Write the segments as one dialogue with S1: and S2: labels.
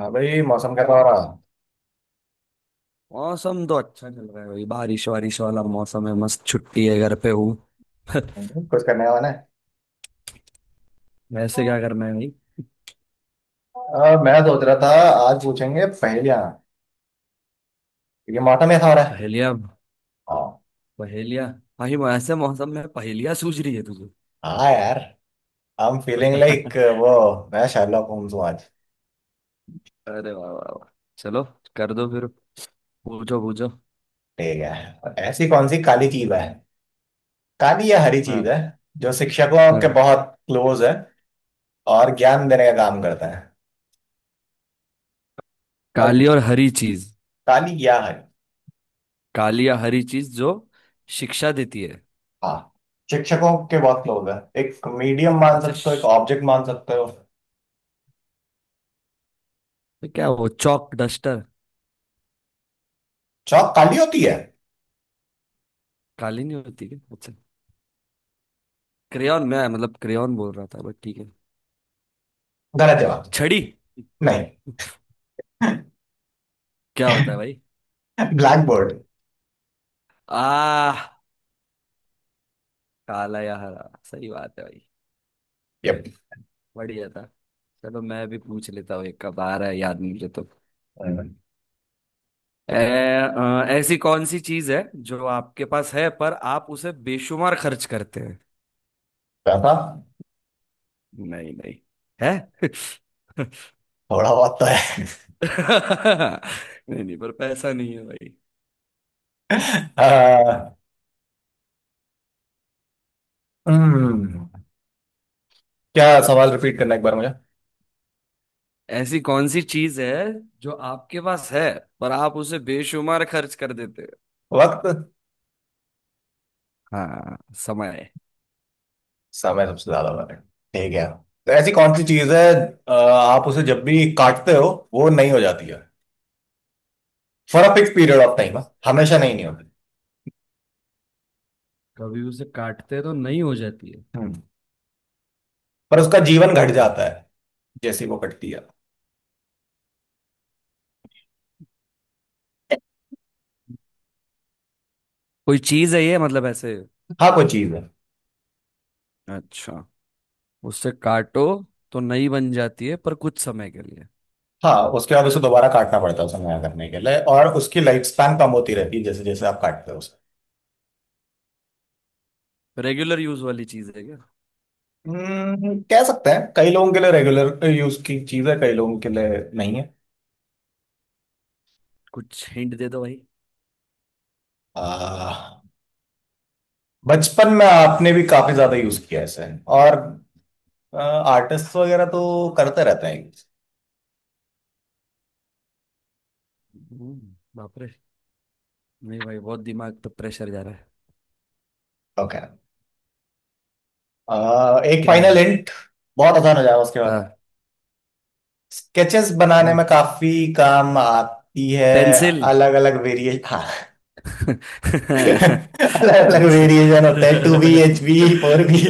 S1: हाँ भाई, मौसम का पा रहा.
S2: मौसम तो अच्छा चल रहा है भाई। बारिश वारिश वाला मौसम है। मस्त छुट्टी है, घर पे हूँ।
S1: कुछ करने वाला है.
S2: वैसे क्या करना है भाई।
S1: मैं सोच रहा था. आज पूछेंगे पहेलियां. क्योंकि मौसम ऐसा हो रहा है.
S2: पहेलियाँ?
S1: हाँ.
S2: पहेलियाँ? भाई ऐसे मौसम में पहेलियाँ सूझ रही है तुझे?
S1: हाँ यार. आई एम फीलिंग लाइक वो. मैं शार्लॉक होम्स हूँ आज.
S2: अरे वाह वाह वाह। चलो, कर दो फिर। पूछो पूछो।
S1: ठीक है, ऐसी कौन सी काली चीज है. काली या हरी
S2: हाँ।
S1: चीज है. जो शिक्षकों के
S2: हाँ।
S1: बहुत क्लोज है. और ज्ञान देने का काम करता है. और.
S2: काली और हरी चीज।
S1: काली या हरी.
S2: काली या हरी चीज जो शिक्षा देती है।
S1: हाँ. शिक्षकों के बहुत क्लोज है. एक मीडियम मान
S2: अच्छा
S1: सकते हो, एक ऑब्जेक्ट मान सकते हो.
S2: तो क्या वो चौक डस्टर।
S1: चौक काली होती है.
S2: काली नहीं होती क्या? अच्छा। क्रेयॉन, मैं मतलब क्रेयॉन बोल रहा था बट ठीक है।
S1: गलत जवाब.
S2: छड़ी।
S1: नहीं.
S2: क्या होता है भाई।
S1: Black board.
S2: आ। काला या हरा, सही बात है भाई।
S1: Yep.
S2: बढ़िया था। चलो मैं भी पूछ लेता हूँ, एक कब आ रहा है याद मुझे तो।
S1: Mm.
S2: ए, ऐसी कौन सी चीज है जो आपके पास है पर आप उसे बेशुमार खर्च करते हैं।
S1: था.
S2: नहीं नहीं, है।
S1: थोड़ा बहुत तो है.
S2: नहीं नहीं, पर पैसा नहीं है भाई।
S1: आ, हम्म. क्या सवाल रिपीट करना एक बार मुझे.
S2: ऐसी कौन सी चीज है जो आपके पास है पर आप उसे बेशुमार खर्च कर देते हैं।
S1: वक्त.
S2: हाँ, समय।
S1: समय सबसे ज्यादा मायने. ठीक है. तो
S2: अ,
S1: ऐसी कौन सी चीज है.
S2: अ,
S1: आप उसे जब भी काटते हो वो नहीं हो जाती है. For a fix period of time. हमेशा नहीं नहीं होती.
S2: कभी उसे काटते तो नहीं हो जाती है।
S1: हम्म. पर उसका जीवन घट जाता है जैसे ही वो कटती है.
S2: कोई चीज है ये मतलब ऐसे।
S1: हाँ कोई चीज है.
S2: अच्छा। उससे काटो तो नई बन जाती है पर कुछ समय के लिए।
S1: हाँ, उसके बाद उसे दोबारा काटना पड़ता है उसे नया करने के लिए, और उसकी लाइफ स्पैन कम होती रहती है जैसे जैसे आप काटते हो उसे.
S2: रेगुलर यूज वाली चीज है क्या?
S1: कह सकते हैं कई लोगों के लिए रेगुलर यूज की चीज है, कई लोगों के लिए. नहीं है.
S2: कुछ हिंट दे दो भाई।
S1: आ, बचपन में आपने भी काफी ज्यादा यूज किया है इसे. और आर्टिस्ट वगैरह तो करते रहते हैं यूज.
S2: बाप रे। नहीं भाई, बहुत दिमाग पे प्रेशर जा रहा है।
S1: ओके. एक
S2: क्या
S1: फाइनल
S2: है?
S1: हिंट. बहुत आसान हो जाएगा उसके बाद.
S2: हाँ।
S1: स्केचेस बनाने
S2: हाँ।
S1: में काफी काम आती है.
S2: पेंसिल।
S1: अलग अलग वेरिएशन, हाँ. अलग अलग
S2: अच्छा।
S1: वेरिएशन होते हैं. Two B, H B, four B.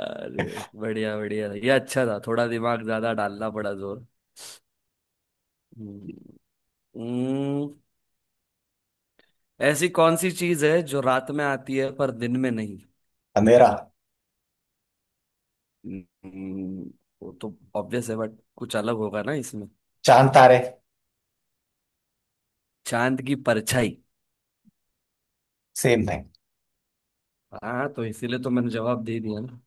S2: अरे बढ़िया बढ़िया, ये अच्छा था, थोड़ा दिमाग ज्यादा डालना पड़ा जोर। हम्म। हम्म। ऐसी कौन सी चीज है जो रात में आती है पर दिन में नहीं।
S1: अंधेरा.
S2: हम्म, वो तो ऑब्वियस है बट कुछ अलग होगा ना इसमें।
S1: चांद तारे.
S2: चांद की परछाई।
S1: Same thing.
S2: हाँ तो इसीलिए तो मैंने जवाब दे दिया ना।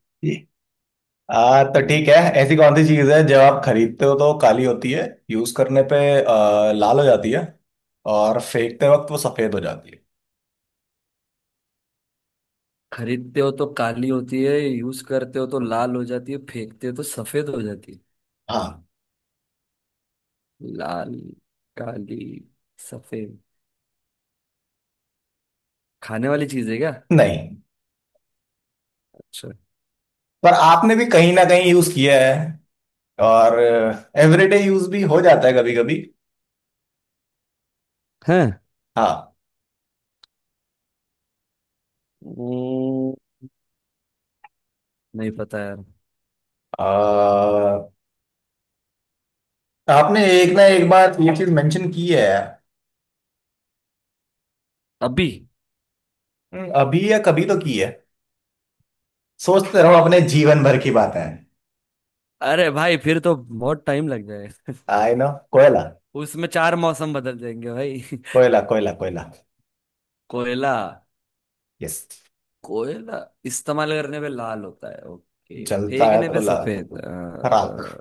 S1: तो ठीक है.
S2: हम्म।
S1: ऐसी कौन सी चीज है जब आप खरीदते हो तो काली होती है. यूज करने पे लाल हो जाती है. और फेंकते वक्त वो सफेद हो जाती है.
S2: खरीदते हो तो काली होती है, यूज करते हो तो लाल हो जाती है, फेंकते हो तो सफेद हो जाती है।
S1: हाँ.
S2: लाल। काली। सफेद। खाने वाली चीज है क्या?
S1: नहीं.
S2: अच्छा।
S1: पर आपने भी कहीं ना कहीं यूज किया है. और एवरीडे यूज भी हो जाता है कभी कभी.
S2: है।
S1: हाँ.
S2: हम्म, नहीं पता यार।
S1: आ, आपने एक ना एक बार ये चीज मेंशन की है.
S2: अभी?
S1: अभी या कभी तो की है. सोचते रहो अपने जीवन भर की बातें.
S2: अरे भाई फिर तो बहुत टाइम लग जाएगा।
S1: आई नो, कोयला.
S2: उसमें चार मौसम बदल जाएंगे भाई।
S1: कोयला, कोयला, कोयला.
S2: कोयला।
S1: यस.
S2: कोयला इस्तेमाल करने पे लाल होता है, ओके,
S1: जलता है
S2: फेंकने
S1: तो
S2: पे
S1: लाल.
S2: सफेद।
S1: राख.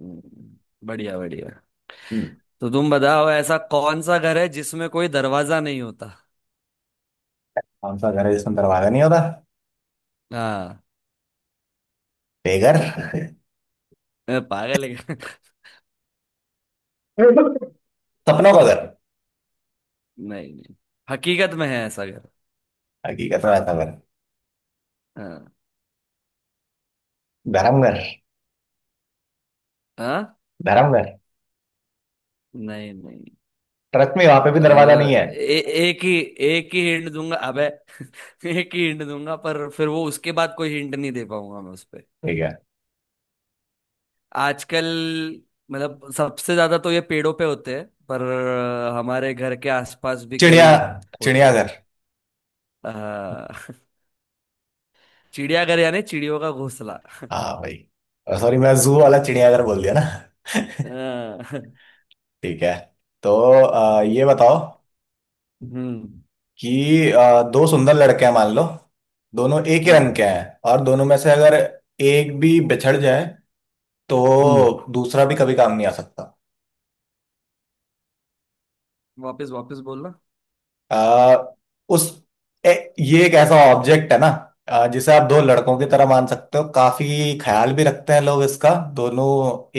S2: हम्म। बढ़िया बढ़िया।
S1: हम्म.
S2: तो तुम बताओ, ऐसा कौन सा घर है जिसमें कोई दरवाजा नहीं होता।
S1: कौन सा घर है जिसमें दरवाजा नहीं होता.
S2: हाँ।
S1: बेघर.
S2: पागल है क्या?
S1: सपनों का घर.
S2: नहीं नहीं, हकीकत में है ऐसा घर।
S1: हकीकत में ऐसा घर.
S2: हाँ।
S1: धर्मघर.
S2: हाँ।
S1: धर्मघर.
S2: नहीं नहीं।
S1: ट्रक में, वहां पे
S2: अ,
S1: भी दरवाजा नहीं है.
S2: ए, एक ही, एक ही हिंट दूंगा अबे। एक ही हिंट दूंगा पर फिर वो उसके बाद कोई हिंट नहीं दे पाऊंगा मैं उस पे।
S1: ठीक है.
S2: आजकल, मतलब सबसे ज्यादा तो ये पेड़ों पे होते हैं पर हमारे घर के आसपास भी
S1: चिड़िया.
S2: कई होते हैं।
S1: चिड़ियाघर.
S2: अ, चिड़ियाघर यानी चिड़ियों का घोंसला।
S1: हाँ भाई. सॉरी, मैं जू
S2: अ,
S1: वाला चिड़ियाघर बोल दिया ना.
S2: अ,
S1: ठीक है, तो ये बताओ
S2: हम्म।
S1: कि दो सुंदर लड़के हैं मान लो. दोनों एक ही
S2: हम्म।
S1: रंग के हैं और दोनों में से अगर एक भी बिछड़ जाए
S2: हम्म।
S1: तो दूसरा भी कभी काम नहीं आ सकता.
S2: वापस वापस बोलना।
S1: आ, उस ये एक ऐसा ऑब्जेक्ट है ना. जिसे आप दो लड़कों की
S2: हम्म।
S1: तरह मान सकते हो, काफी ख्याल भी रखते हैं लोग इसका. दोनों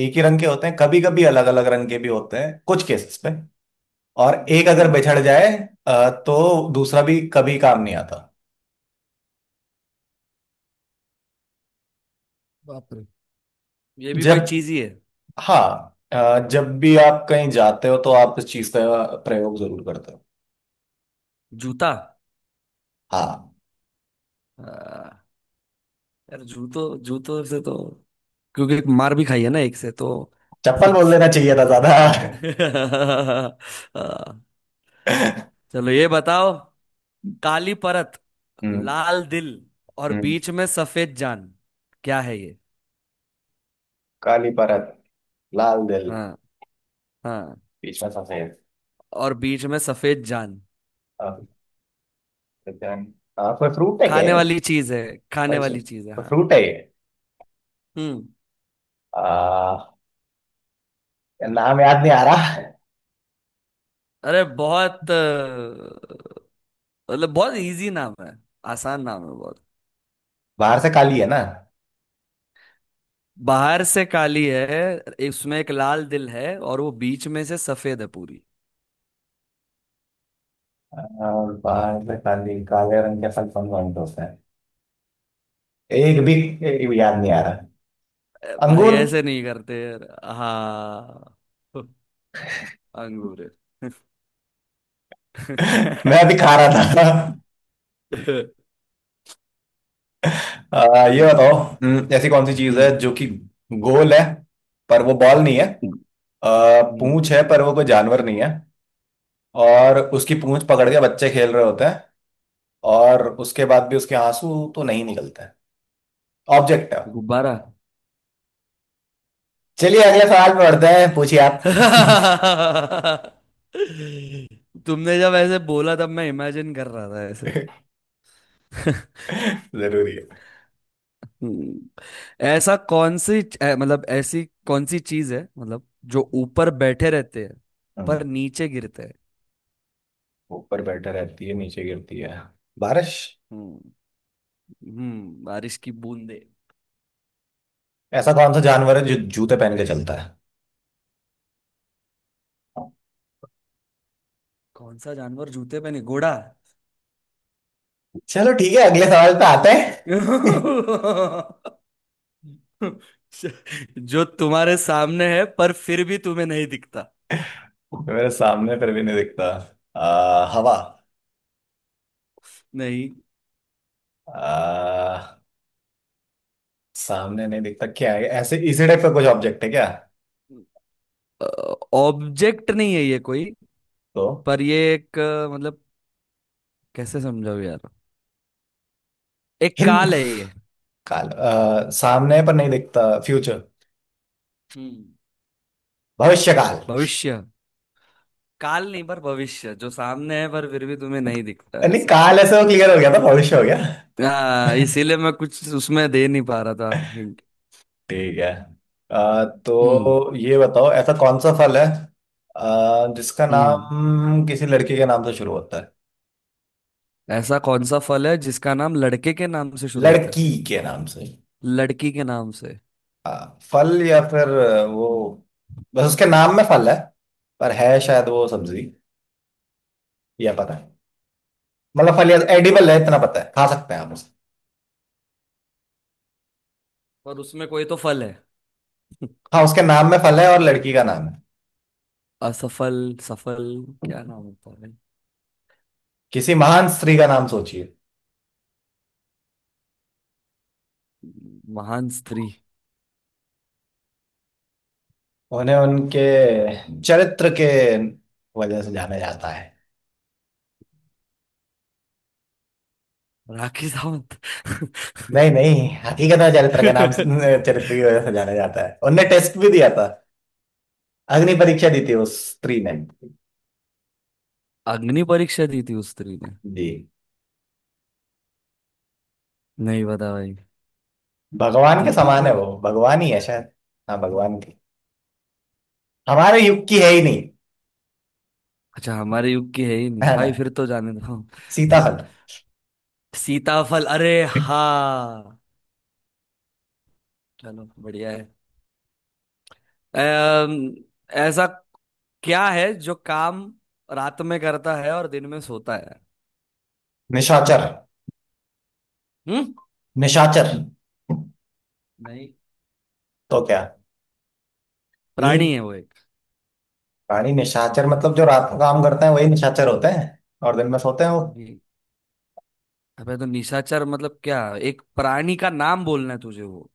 S1: एक ही रंग के होते हैं, कभी कभी अलग अलग रंग के भी होते हैं कुछ केसेस पे. और एक अगर
S2: हम्म।
S1: बिछड़ जाए तो दूसरा भी कभी काम नहीं आता.
S2: बाप रे, ये भी कोई
S1: जब.
S2: चीज ही है।
S1: हाँ. जब भी आप कहीं जाते हो तो आप इस चीज का प्रयोग जरूर करते हो.
S2: जूता।
S1: हाँ.
S2: अ, यार, जूतों जूतों से तो, क्योंकि मार भी खाई है ना एक से तो।
S1: चप्पल बोल देना चाहिए था ज्यादा.
S2: हाँ। चलो ये बताओ, काली परत,
S1: हम्म.
S2: लाल दिल, और
S1: हम्म.
S2: बीच में सफेद जान। क्या है ये?
S1: काली परत. लाल दिल.
S2: हाँ। हाँ।
S1: Geçmez Hasan'ı.
S2: और बीच में सफेद जान।
S1: Ah, एकदम. कोई फ्रूट है क्या
S2: खाने
S1: ये?
S2: वाली चीज है। खाने
S1: कोई से-
S2: वाली चीज है
S1: कोई
S2: हाँ।
S1: फ्रूट है ये.
S2: हम्म।
S1: आ, यार नाम याद नहीं आ रहा.
S2: अरे बहुत मतलब बहुत इजी नाम है, आसान नाम है बहुत।
S1: बाहर से काली है ना.
S2: बाहर से काली है, इसमें एक लाल दिल है और वो बीच में से सफेद है पूरी।
S1: बाहर से काली, काले रंग के फल कौन कौन से होते हैं. एक भी. एक भी याद नहीं आ रहा.
S2: भाई
S1: अंगूर.
S2: ऐसे नहीं करते यार। हाँ, अंगूर।
S1: मैं अभी खा रहा था. ये
S2: हम्म।
S1: बताओ. ऐसी कौन सी चीज है
S2: हम्म।
S1: जो कि गोल है पर वो बॉल नहीं है.
S2: हम्म।
S1: पूंछ है पर वो कोई जानवर नहीं है. और उसकी पूंछ पकड़ के बच्चे खेल रहे होते हैं. और उसके बाद भी उसके आंसू तो नहीं निकलता है. ऑब्जेक्ट है.
S2: गुब्बारा।
S1: चलिए अगले सवाल पे बढ़ते हैं. पूछिए आप.
S2: तुमने जब ऐसे बोला तब मैं इमेजिन कर रहा था ऐसे।
S1: जरूरी है.
S2: हम्म, ऐसा कौन सी मतलब ऐसी कौन सी चीज है मतलब, जो ऊपर बैठे रहते हैं
S1: हम्म,
S2: पर नीचे गिरते हैं।
S1: ऊपर बैठा रहती है, नीचे गिरती है. बारिश.
S2: हम्म। बारिश की बूंदे।
S1: ऐसा कौन सा जानवर है जो जूते पहन के चलता है.
S2: कौन सा जानवर जूते पे, नहीं, घोड़ा।
S1: चलो ठीक है, अगले सवाल पे आते हैं.
S2: जो तुम्हारे सामने है पर फिर भी तुम्हें नहीं दिखता।
S1: मेरे सामने फिर भी नहीं दिखता. हवा.
S2: नहीं।
S1: आ, सामने नहीं दिखता क्या है ऐसे. इसी टाइप का कुछ ऑब्जेक्ट है क्या.
S2: ऑब्जेक्ट नहीं है ये कोई,
S1: तो.
S2: पर ये एक मतलब, कैसे समझाऊं यार, एक
S1: हिंद.
S2: काल है ये।
S1: काल, सामने पर नहीं दिखता. फ्यूचर.
S2: हम्म।
S1: भविष्य काल.
S2: भविष्य काल नहीं, पर भविष्य जो सामने है पर फिर भी तुम्हें नहीं दिखता
S1: नहीं,
S2: ऐसा।
S1: काल ऐसे वो क्लियर हो गया था. भविष्य हो गया.
S2: हाँ इसीलिए मैं कुछ उसमें दे नहीं पा रहा था। हिंट।
S1: ठीक है.
S2: हम्म।
S1: तो ये बताओ ऐसा कौन सा फल है जिसका
S2: हम्म।
S1: नाम किसी लड़की के नाम से शुरू होता है.
S2: ऐसा कौन सा फल है जिसका नाम लड़के के नाम से शुरू होता है।
S1: लड़की के नाम से.
S2: लड़की के नाम से।
S1: हाँ फल, या फिर वो. बस उसके नाम में फल है पर है शायद वो सब्जी. या पता है. मतलब फल या एडिबल है इतना पता है, खा सकते हैं आप उसे.
S2: पर उसमें कोई तो फल है।
S1: हाँ, उसके नाम में फल है और लड़की का नाम है.
S2: असफल, सफल, क्या नाम होता है भाई?
S1: किसी महान स्त्री का नाम सोचिए.
S2: महान स्त्री।
S1: उन्हें उनके चरित्र के वजह से जाना जाता है.
S2: राखी सावंत।
S1: नहीं नहीं, हकीकत में चरित्र की वजह से जाना जाता है. उनने टेस्ट भी दिया था. अग्नि परीक्षा दी थी उस स्त्री ने.
S2: अग्नि परीक्षा दी थी उस स्त्री ने?
S1: जी.
S2: नहीं पता भाई।
S1: भगवान के समान
S2: दीपिका।
S1: है, वो भगवान ही है शायद. हाँ भगवान की. हमारे युग की है ही नहीं.
S2: अच्छा हमारे युग की है ही नहीं
S1: है ना.
S2: भाई, फिर तो जाने दो।
S1: सीताहरण.
S2: सीताफल, अरे हाँ। चलो बढ़िया है। अम, ऐसा क्या है जो काम रात में करता है और दिन में सोता है।
S1: निशाचर.
S2: हम्म।
S1: निशाचर.
S2: नहीं,
S1: तो क्या. नीच.
S2: प्राणी है वो।
S1: प्राणी, निशाचर मतलब जो रात को काम करते हैं वही निशाचर होते हैं. और दिन में सोते हैं वो.
S2: जी। अबे तो निशाचर मतलब क्या, एक प्राणी का नाम बोलना है तुझे वो।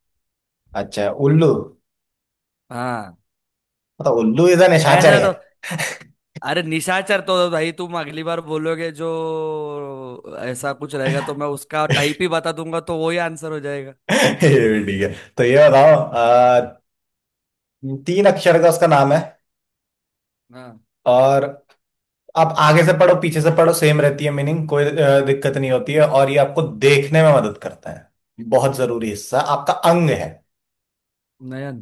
S1: अच्छा, उल्लू.
S2: हाँ।
S1: मतलब उल्लू इज अ निशाचर
S2: ऐसे
S1: है.
S2: तो, अरे निशाचर तो भाई तुम अगली बार बोलोगे जो, ऐसा कुछ रहेगा तो मैं उसका टाइप ही बता दूंगा तो वही आंसर हो जाएगा।
S1: ठीक है, तो ये बताओ. तीन अक्षर का उसका नाम है.
S2: हाँ।
S1: और आप आगे से पढ़ो पीछे से पढ़ो, सेम रहती है मीनिंग, कोई दिक्कत नहीं होती है. और ये आपको देखने में मदद करता है. बहुत जरूरी हिस्सा, आपका अंग है.
S2: नयन।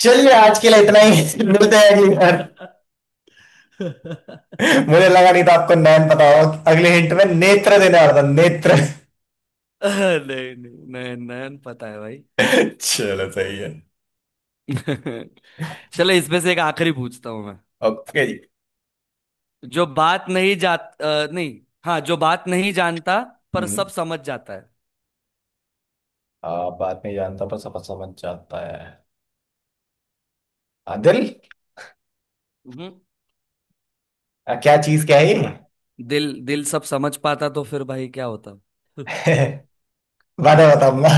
S1: चलिए आज के लिए इतना ही. मिलते हैं अगली बार.
S2: नहीं
S1: मुझे लगा नहीं था आपको नैन पता होगा, अगले हिंट में नेत्र देने वाला था, नेत्र.
S2: नहीं, नयन, नयन पता है भाई।
S1: चलो सही है.
S2: चलो इसमें से एक आखिरी पूछता हूँ।
S1: ओके जी.
S2: जो बात नहीं जात अ, नहीं। हाँ, जो बात नहीं जानता पर
S1: हम्म.
S2: सब समझ जाता है।
S1: बात नहीं जानता पर सफर समझ जाता है. दिल.
S2: हम्म।
S1: क्या चीज क्या है ये.
S2: दिल। दिल सब समझ पाता तो फिर भाई क्या होता।
S1: बाद में बताऊंगा.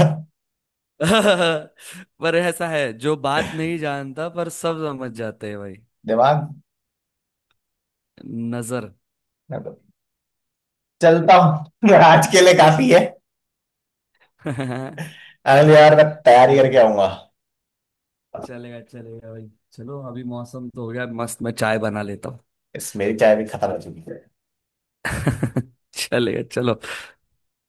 S2: पर ऐसा है जो बात नहीं जानता पर सब समझ जाते हैं भाई।
S1: दिमाग.
S2: नजर।
S1: चलता हूँ, आज के लिए काफी है. अरे यार, मैं तैयारी करके
S2: चले।
S1: आऊंगा.
S2: चलेगा चलेगा भाई, चलो अभी मौसम तो हो गया मस्त, मैं चाय बना लेता हूँ।
S1: इस मेरी चाय भी खत्म हो चुकी है.
S2: चलेगा, चलो।